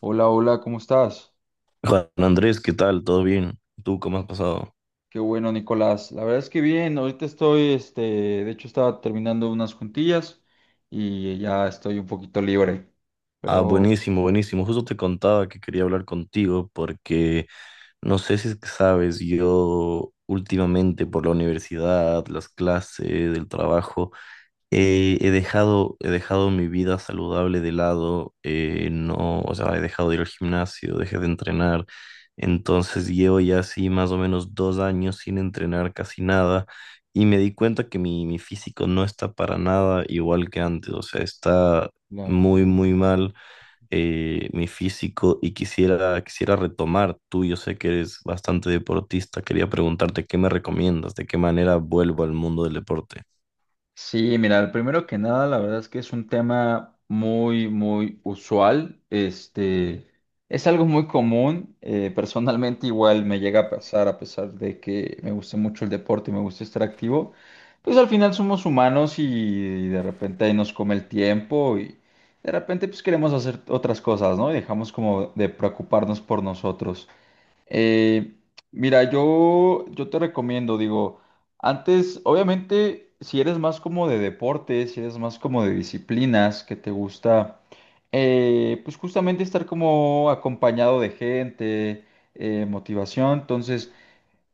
Hola, hola, ¿cómo estás? Juan Andrés, ¿qué tal? ¿Todo bien? ¿Tú cómo has pasado? Qué bueno, Nicolás. La verdad es que bien, ahorita estoy, de hecho estaba terminando unas juntillas y ya estoy un poquito libre. Ah, Pero, buenísimo, buenísimo. Justo te contaba que quería hablar contigo porque no sé si es que sabes, yo últimamente por la universidad, las clases, el trabajo. He dejado mi vida saludable de lado, no, o sea, he dejado de ir al gimnasio, dejé de entrenar, entonces llevo ya así más o menos 2 años sin entrenar casi nada. Y me di cuenta que mi físico no está para nada igual que antes, o sea, está claro. muy, muy mal, mi físico. Y quisiera retomar. Tú, yo sé que eres bastante deportista, quería preguntarte qué me recomiendas, de qué manera vuelvo al mundo del deporte. Sí, mira, primero que nada, la verdad es que es un tema muy, muy usual. Es algo muy común. Personalmente igual me llega a pasar, a pesar de que me gusta mucho el deporte y me gusta estar activo. Pues al final somos humanos y de repente ahí nos come el tiempo y de repente pues queremos hacer otras cosas, ¿no? Y dejamos como de preocuparnos por nosotros. Eh, Mira, yo te recomiendo, digo, antes, obviamente, si eres más como de deportes, si eres más como de disciplinas, que te gusta, pues justamente estar como acompañado de gente, motivación, entonces...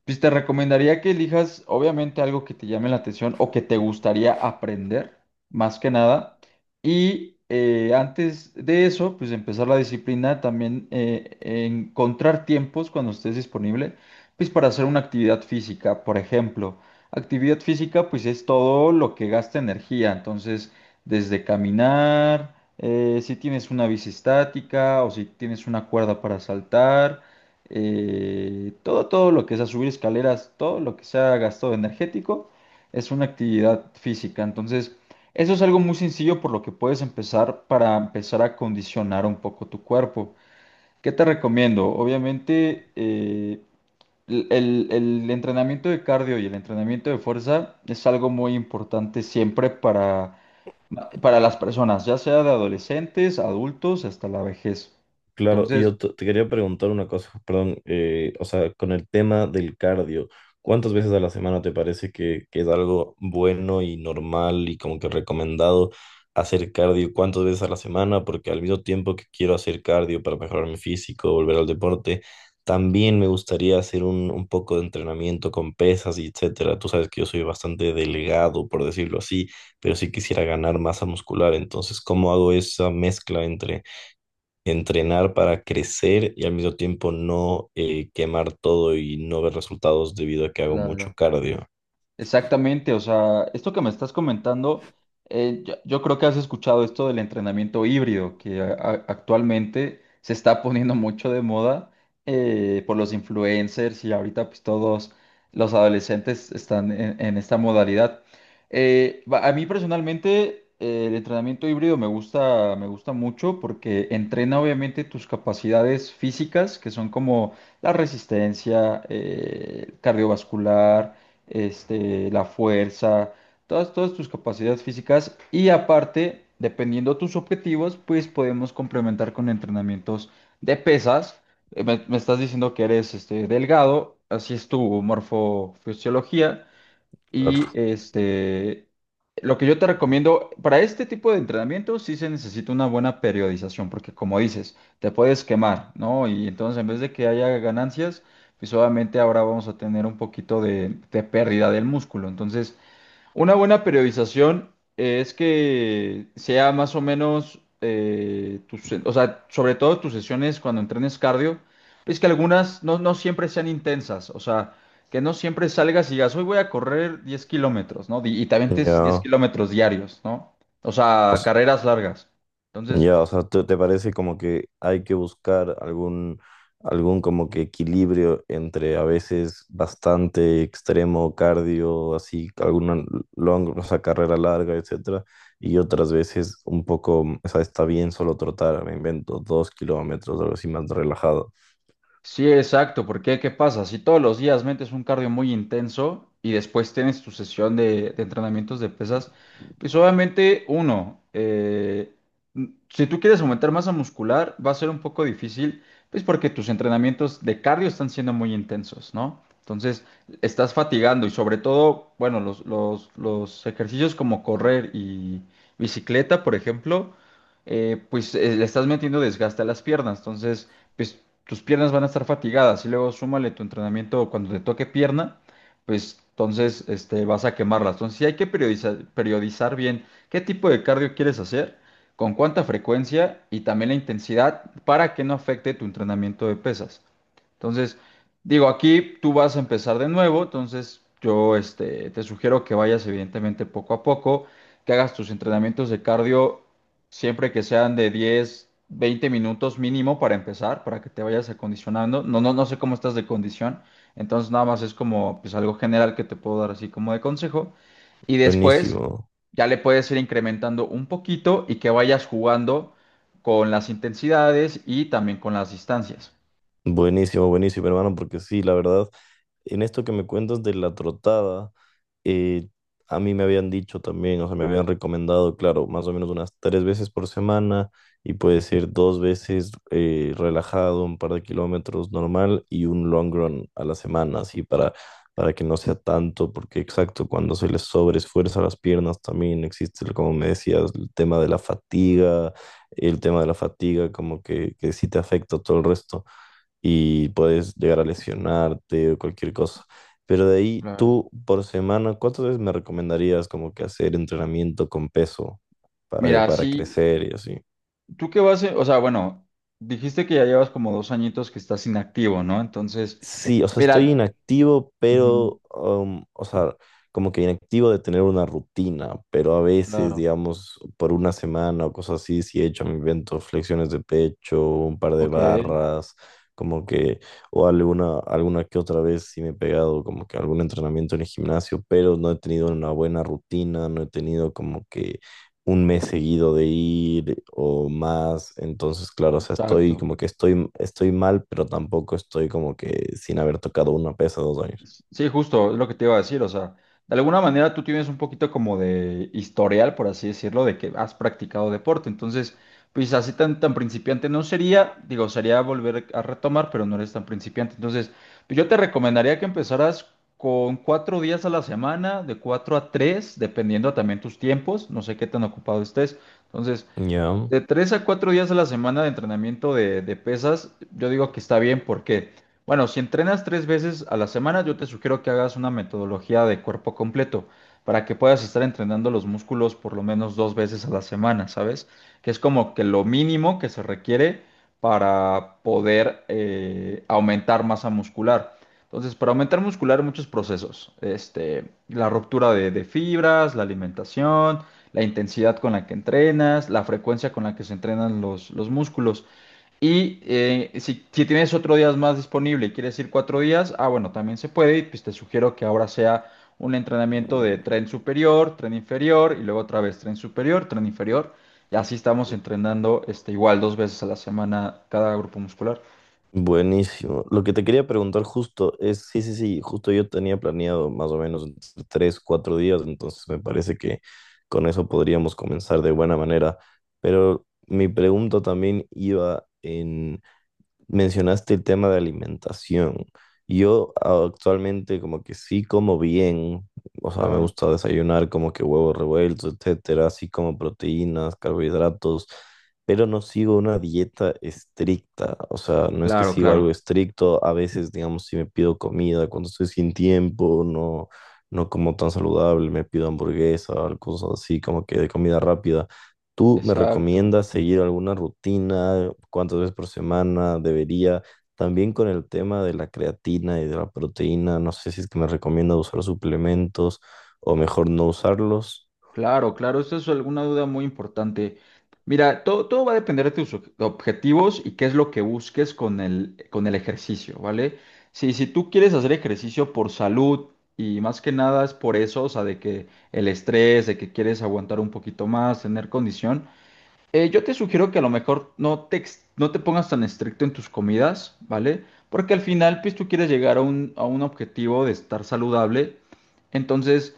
Pues te recomendaría que elijas, obviamente, algo que te llame la atención o que te gustaría aprender, más que nada. Y antes de eso, pues empezar la disciplina, también encontrar tiempos cuando estés disponible, pues para hacer una actividad física, por ejemplo. Actividad física, pues es todo lo que gasta energía. Entonces, desde caminar, si tienes una bici estática o si tienes una cuerda para saltar, todo, todo lo que sea subir escaleras, todo lo que sea gasto energético, es una actividad física. Entonces, eso es algo muy sencillo por lo que puedes empezar para empezar a condicionar un poco tu cuerpo. ¿Qué te recomiendo? Obviamente, el entrenamiento de cardio y el entrenamiento de fuerza es algo muy importante siempre para las personas, ya sea de adolescentes, adultos, hasta la vejez. Claro, y Entonces, yo te quería preguntar una cosa, perdón, o sea, con el tema del cardio, ¿cuántas veces a la semana te parece que es algo bueno y normal y como que recomendado hacer cardio? ¿Cuántas veces a la semana? Porque al mismo tiempo que quiero hacer cardio para mejorar mi físico, volver al deporte, también me gustaría hacer un poco de entrenamiento con pesas y etcétera. Tú sabes que yo soy bastante delgado, por decirlo así, pero sí quisiera ganar masa muscular. Entonces, ¿cómo hago esa mezcla entre entrenar para crecer y al mismo tiempo no quemar todo y no ver resultados debido a que hago mucho claro. cardio? Exactamente, o sea, esto que me estás comentando, yo creo que has escuchado esto del entrenamiento híbrido, que actualmente se está poniendo mucho de moda por los influencers y ahorita pues todos los adolescentes están en esta modalidad. A mí personalmente el entrenamiento híbrido me gusta mucho porque entrena obviamente tus capacidades físicas, que son como la resistencia, cardiovascular, la fuerza, todas, todas tus capacidades físicas y aparte, dependiendo tus objetivos, pues podemos complementar con entrenamientos de pesas. Me estás diciendo que eres, delgado, así es tu morfofisiología. Y Claro. Lo que yo te recomiendo para este tipo de entrenamiento sí se necesita una buena periodización, porque como dices, te puedes quemar, ¿no? Y entonces en vez de que haya ganancias, pues obviamente ahora vamos a tener un poquito de pérdida del músculo. Entonces, una buena periodización es que sea más o menos, tus, o sea, sobre todo tus sesiones cuando entrenes cardio, es que algunas no, no siempre sean intensas, o sea, que no siempre salgas y digas, hoy voy a correr 10 kilómetros, ¿no? Y también te avientes 10 Ya, kilómetros diarios, ¿no? O o sea, s- carreras largas. Entonces, ya, o sea, ¿te, ¿te parece como que hay que buscar algún como que equilibrio entre a veces bastante extremo cardio, así, o sea, carrera larga, etcétera, y otras veces un poco, o sea, está bien solo trotar, me invento, 2 kilómetros, algo así más relajado? sí, exacto, porque ¿qué pasa? Si todos los días metes un cardio muy intenso y después tienes tu sesión de entrenamientos de pesas, pues obviamente uno, si tú quieres aumentar masa muscular va a ser un poco difícil, pues porque tus entrenamientos de cardio están siendo muy intensos, ¿no? Entonces estás fatigando y sobre todo, bueno, los ejercicios como correr y bicicleta, por ejemplo, le estás metiendo desgaste a las piernas, entonces pues tus piernas van a estar fatigadas y luego súmale tu entrenamiento cuando te toque pierna, pues entonces, vas a quemarlas. Entonces sí hay que periodizar, periodizar bien qué tipo de cardio quieres hacer, con cuánta frecuencia y también la intensidad para que no afecte tu entrenamiento de pesas. Entonces, digo, aquí tú vas a empezar de nuevo, entonces yo, te sugiero que vayas evidentemente poco a poco, que hagas tus entrenamientos de cardio siempre que sean de 10 20 minutos mínimo para empezar, para que te vayas acondicionando. No, no sé cómo estás de condición. Entonces nada más es como pues algo general que te puedo dar así como de consejo. Y después Buenísimo. ya le puedes ir incrementando un poquito y que vayas jugando con las intensidades y también con las distancias. Buenísimo, buenísimo, hermano, porque sí, la verdad, en esto que me cuentas de la trotada, eh, a mí me habían dicho también, o sea, me habían recomendado, claro, más o menos unas 3 veces por semana, y puedes ir 2 veces relajado, un par de kilómetros normal y un long run a la semana, así para que no sea tanto, porque exacto, cuando se les sobreesfuerza las piernas también existe, como me decías, el tema de la fatiga, el tema de la fatiga, como que sí te afecta todo el resto y puedes llegar a lesionarte o cualquier cosa. Pero de ahí, Claro. tú por semana, ¿cuántas veces me recomendarías como que hacer entrenamiento con peso para, Mira, para sí, crecer y así? tú qué vas, a- o sea, bueno, dijiste que ya llevas como dos añitos que estás inactivo, ¿no? Entonces, Sí, o sea, estoy mira, inactivo, ujú, pero, o sea, como que inactivo de tener una rutina, pero a veces, claro, digamos, por una semana o cosas así, sí he hecho, me invento, flexiones de pecho, un par de ok, barras, como que, o alguna que otra vez sí me he pegado como que algún entrenamiento en el gimnasio, pero no he tenido una buena rutina, no he tenido como que un mes seguido de ir o más. Entonces claro, o sea, estoy exacto. como que estoy mal, pero tampoco estoy como que sin haber tocado una pesa 2 años. Sí, justo, es lo que te iba a decir, o sea, de alguna manera tú tienes un poquito como de historial, por así decirlo, de que has practicado deporte, entonces, pues así tan, tan principiante no sería, digo, sería volver a retomar, pero no eres tan principiante, entonces, pues, yo te recomendaría que empezaras con cuatro días a la semana, de cuatro a tres, dependiendo también tus tiempos, no sé qué tan ocupado estés, entonces, Ya, de tres a cuatro días a la semana de entrenamiento de pesas, yo digo que está bien porque, bueno, si entrenas tres veces a la semana, yo te sugiero que hagas una metodología de cuerpo completo para que puedas estar entrenando los músculos por lo menos dos veces a la semana, ¿sabes? Que es como que lo mínimo que se requiere para poder, aumentar masa muscular. Entonces, para aumentar muscular, muchos procesos. La ruptura de fibras, la alimentación, la intensidad con la que entrenas, la frecuencia con la que se entrenan los músculos. Y si, si tienes otro día más disponible y quieres ir cuatro días, ah, bueno, también se puede. Y pues te sugiero que ahora sea un entrenamiento de tren superior, tren inferior y luego otra vez tren superior, tren inferior. Y así estamos entrenando, igual dos veces a la semana cada grupo muscular. buenísimo. Lo que te quería preguntar justo es, sí, sí, sí, justo yo tenía planeado más o menos entre 3, 4 días, entonces me parece que con eso podríamos comenzar de buena manera, pero mi pregunta también iba en... Mencionaste el tema de alimentación. Yo actualmente como que sí como bien, o sea, me Claro. gusta desayunar como que huevos revueltos, etcétera, así como proteínas, carbohidratos, pero no sigo una dieta estricta, o sea, no es que Claro, sigo algo claro. estricto, a veces, digamos, si me pido comida cuando estoy sin tiempo, no, no como tan saludable, me pido hamburguesa, cosas así como que de comida rápida. ¿Tú me Exacto. recomiendas seguir alguna rutina? ¿Cuántas veces por semana debería? También con el tema de la creatina y de la proteína, no sé si es que me recomienda usar suplementos o mejor no usarlos. Claro, claro, esa es alguna duda muy importante. Mira, todo, todo va a depender de tus objetivos y qué es lo que busques con el ejercicio, ¿vale? Si, si tú quieres hacer ejercicio por salud y más que nada es por eso, o sea, de que el estrés, de que quieres aguantar un poquito más, tener condición. Yo te sugiero que a lo mejor no te, no te pongas tan estricto en tus comidas, ¿vale? Porque al final, pues tú quieres llegar a un objetivo de estar saludable. Entonces,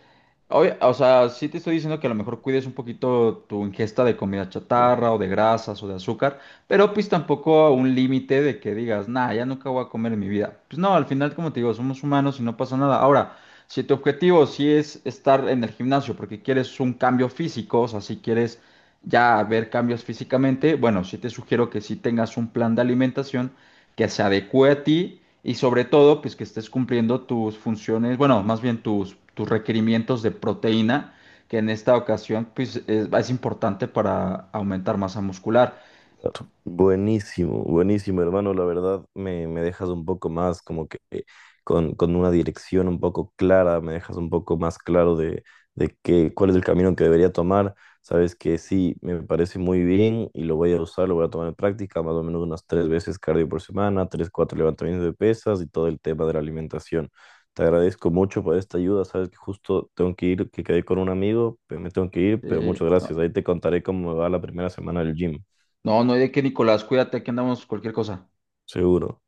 o sea, sí te estoy diciendo que a lo mejor cuides un poquito tu ingesta de comida chatarra o de grasas o de azúcar, pero pues tampoco a un límite de que digas, nah, ya nunca voy a comer en mi vida. Pues no, al final, como te digo, somos humanos y no pasa nada. Ahora, si tu objetivo sí es estar en el gimnasio porque quieres un cambio físico, o sea, si quieres ya ver cambios físicamente, bueno, sí te sugiero que sí tengas un plan de alimentación que se adecue a ti y sobre todo, pues que estés cumpliendo tus funciones, bueno, más bien tus, tus requerimientos de proteína, que en esta ocasión, pues es importante para aumentar masa muscular. Claro. Buenísimo, buenísimo, hermano. La verdad me dejas un poco más como que con una dirección un poco clara, me dejas un poco más claro de cuál es el camino que debería tomar. Sabes que sí, me parece muy bien y lo voy a usar, lo voy a tomar en práctica, más o menos unas 3 veces cardio por semana, 3, 4 levantamientos de pesas y todo el tema de la alimentación. Te agradezco mucho por esta ayuda. Sabes que justo tengo que ir, que quedé con un amigo, pero me tengo que ir, pero muchas No, gracias. Ahí te contaré cómo me va la primera semana del gym. no, no hay de qué, Nicolás, cuídate, que andamos cualquier cosa. Seguro.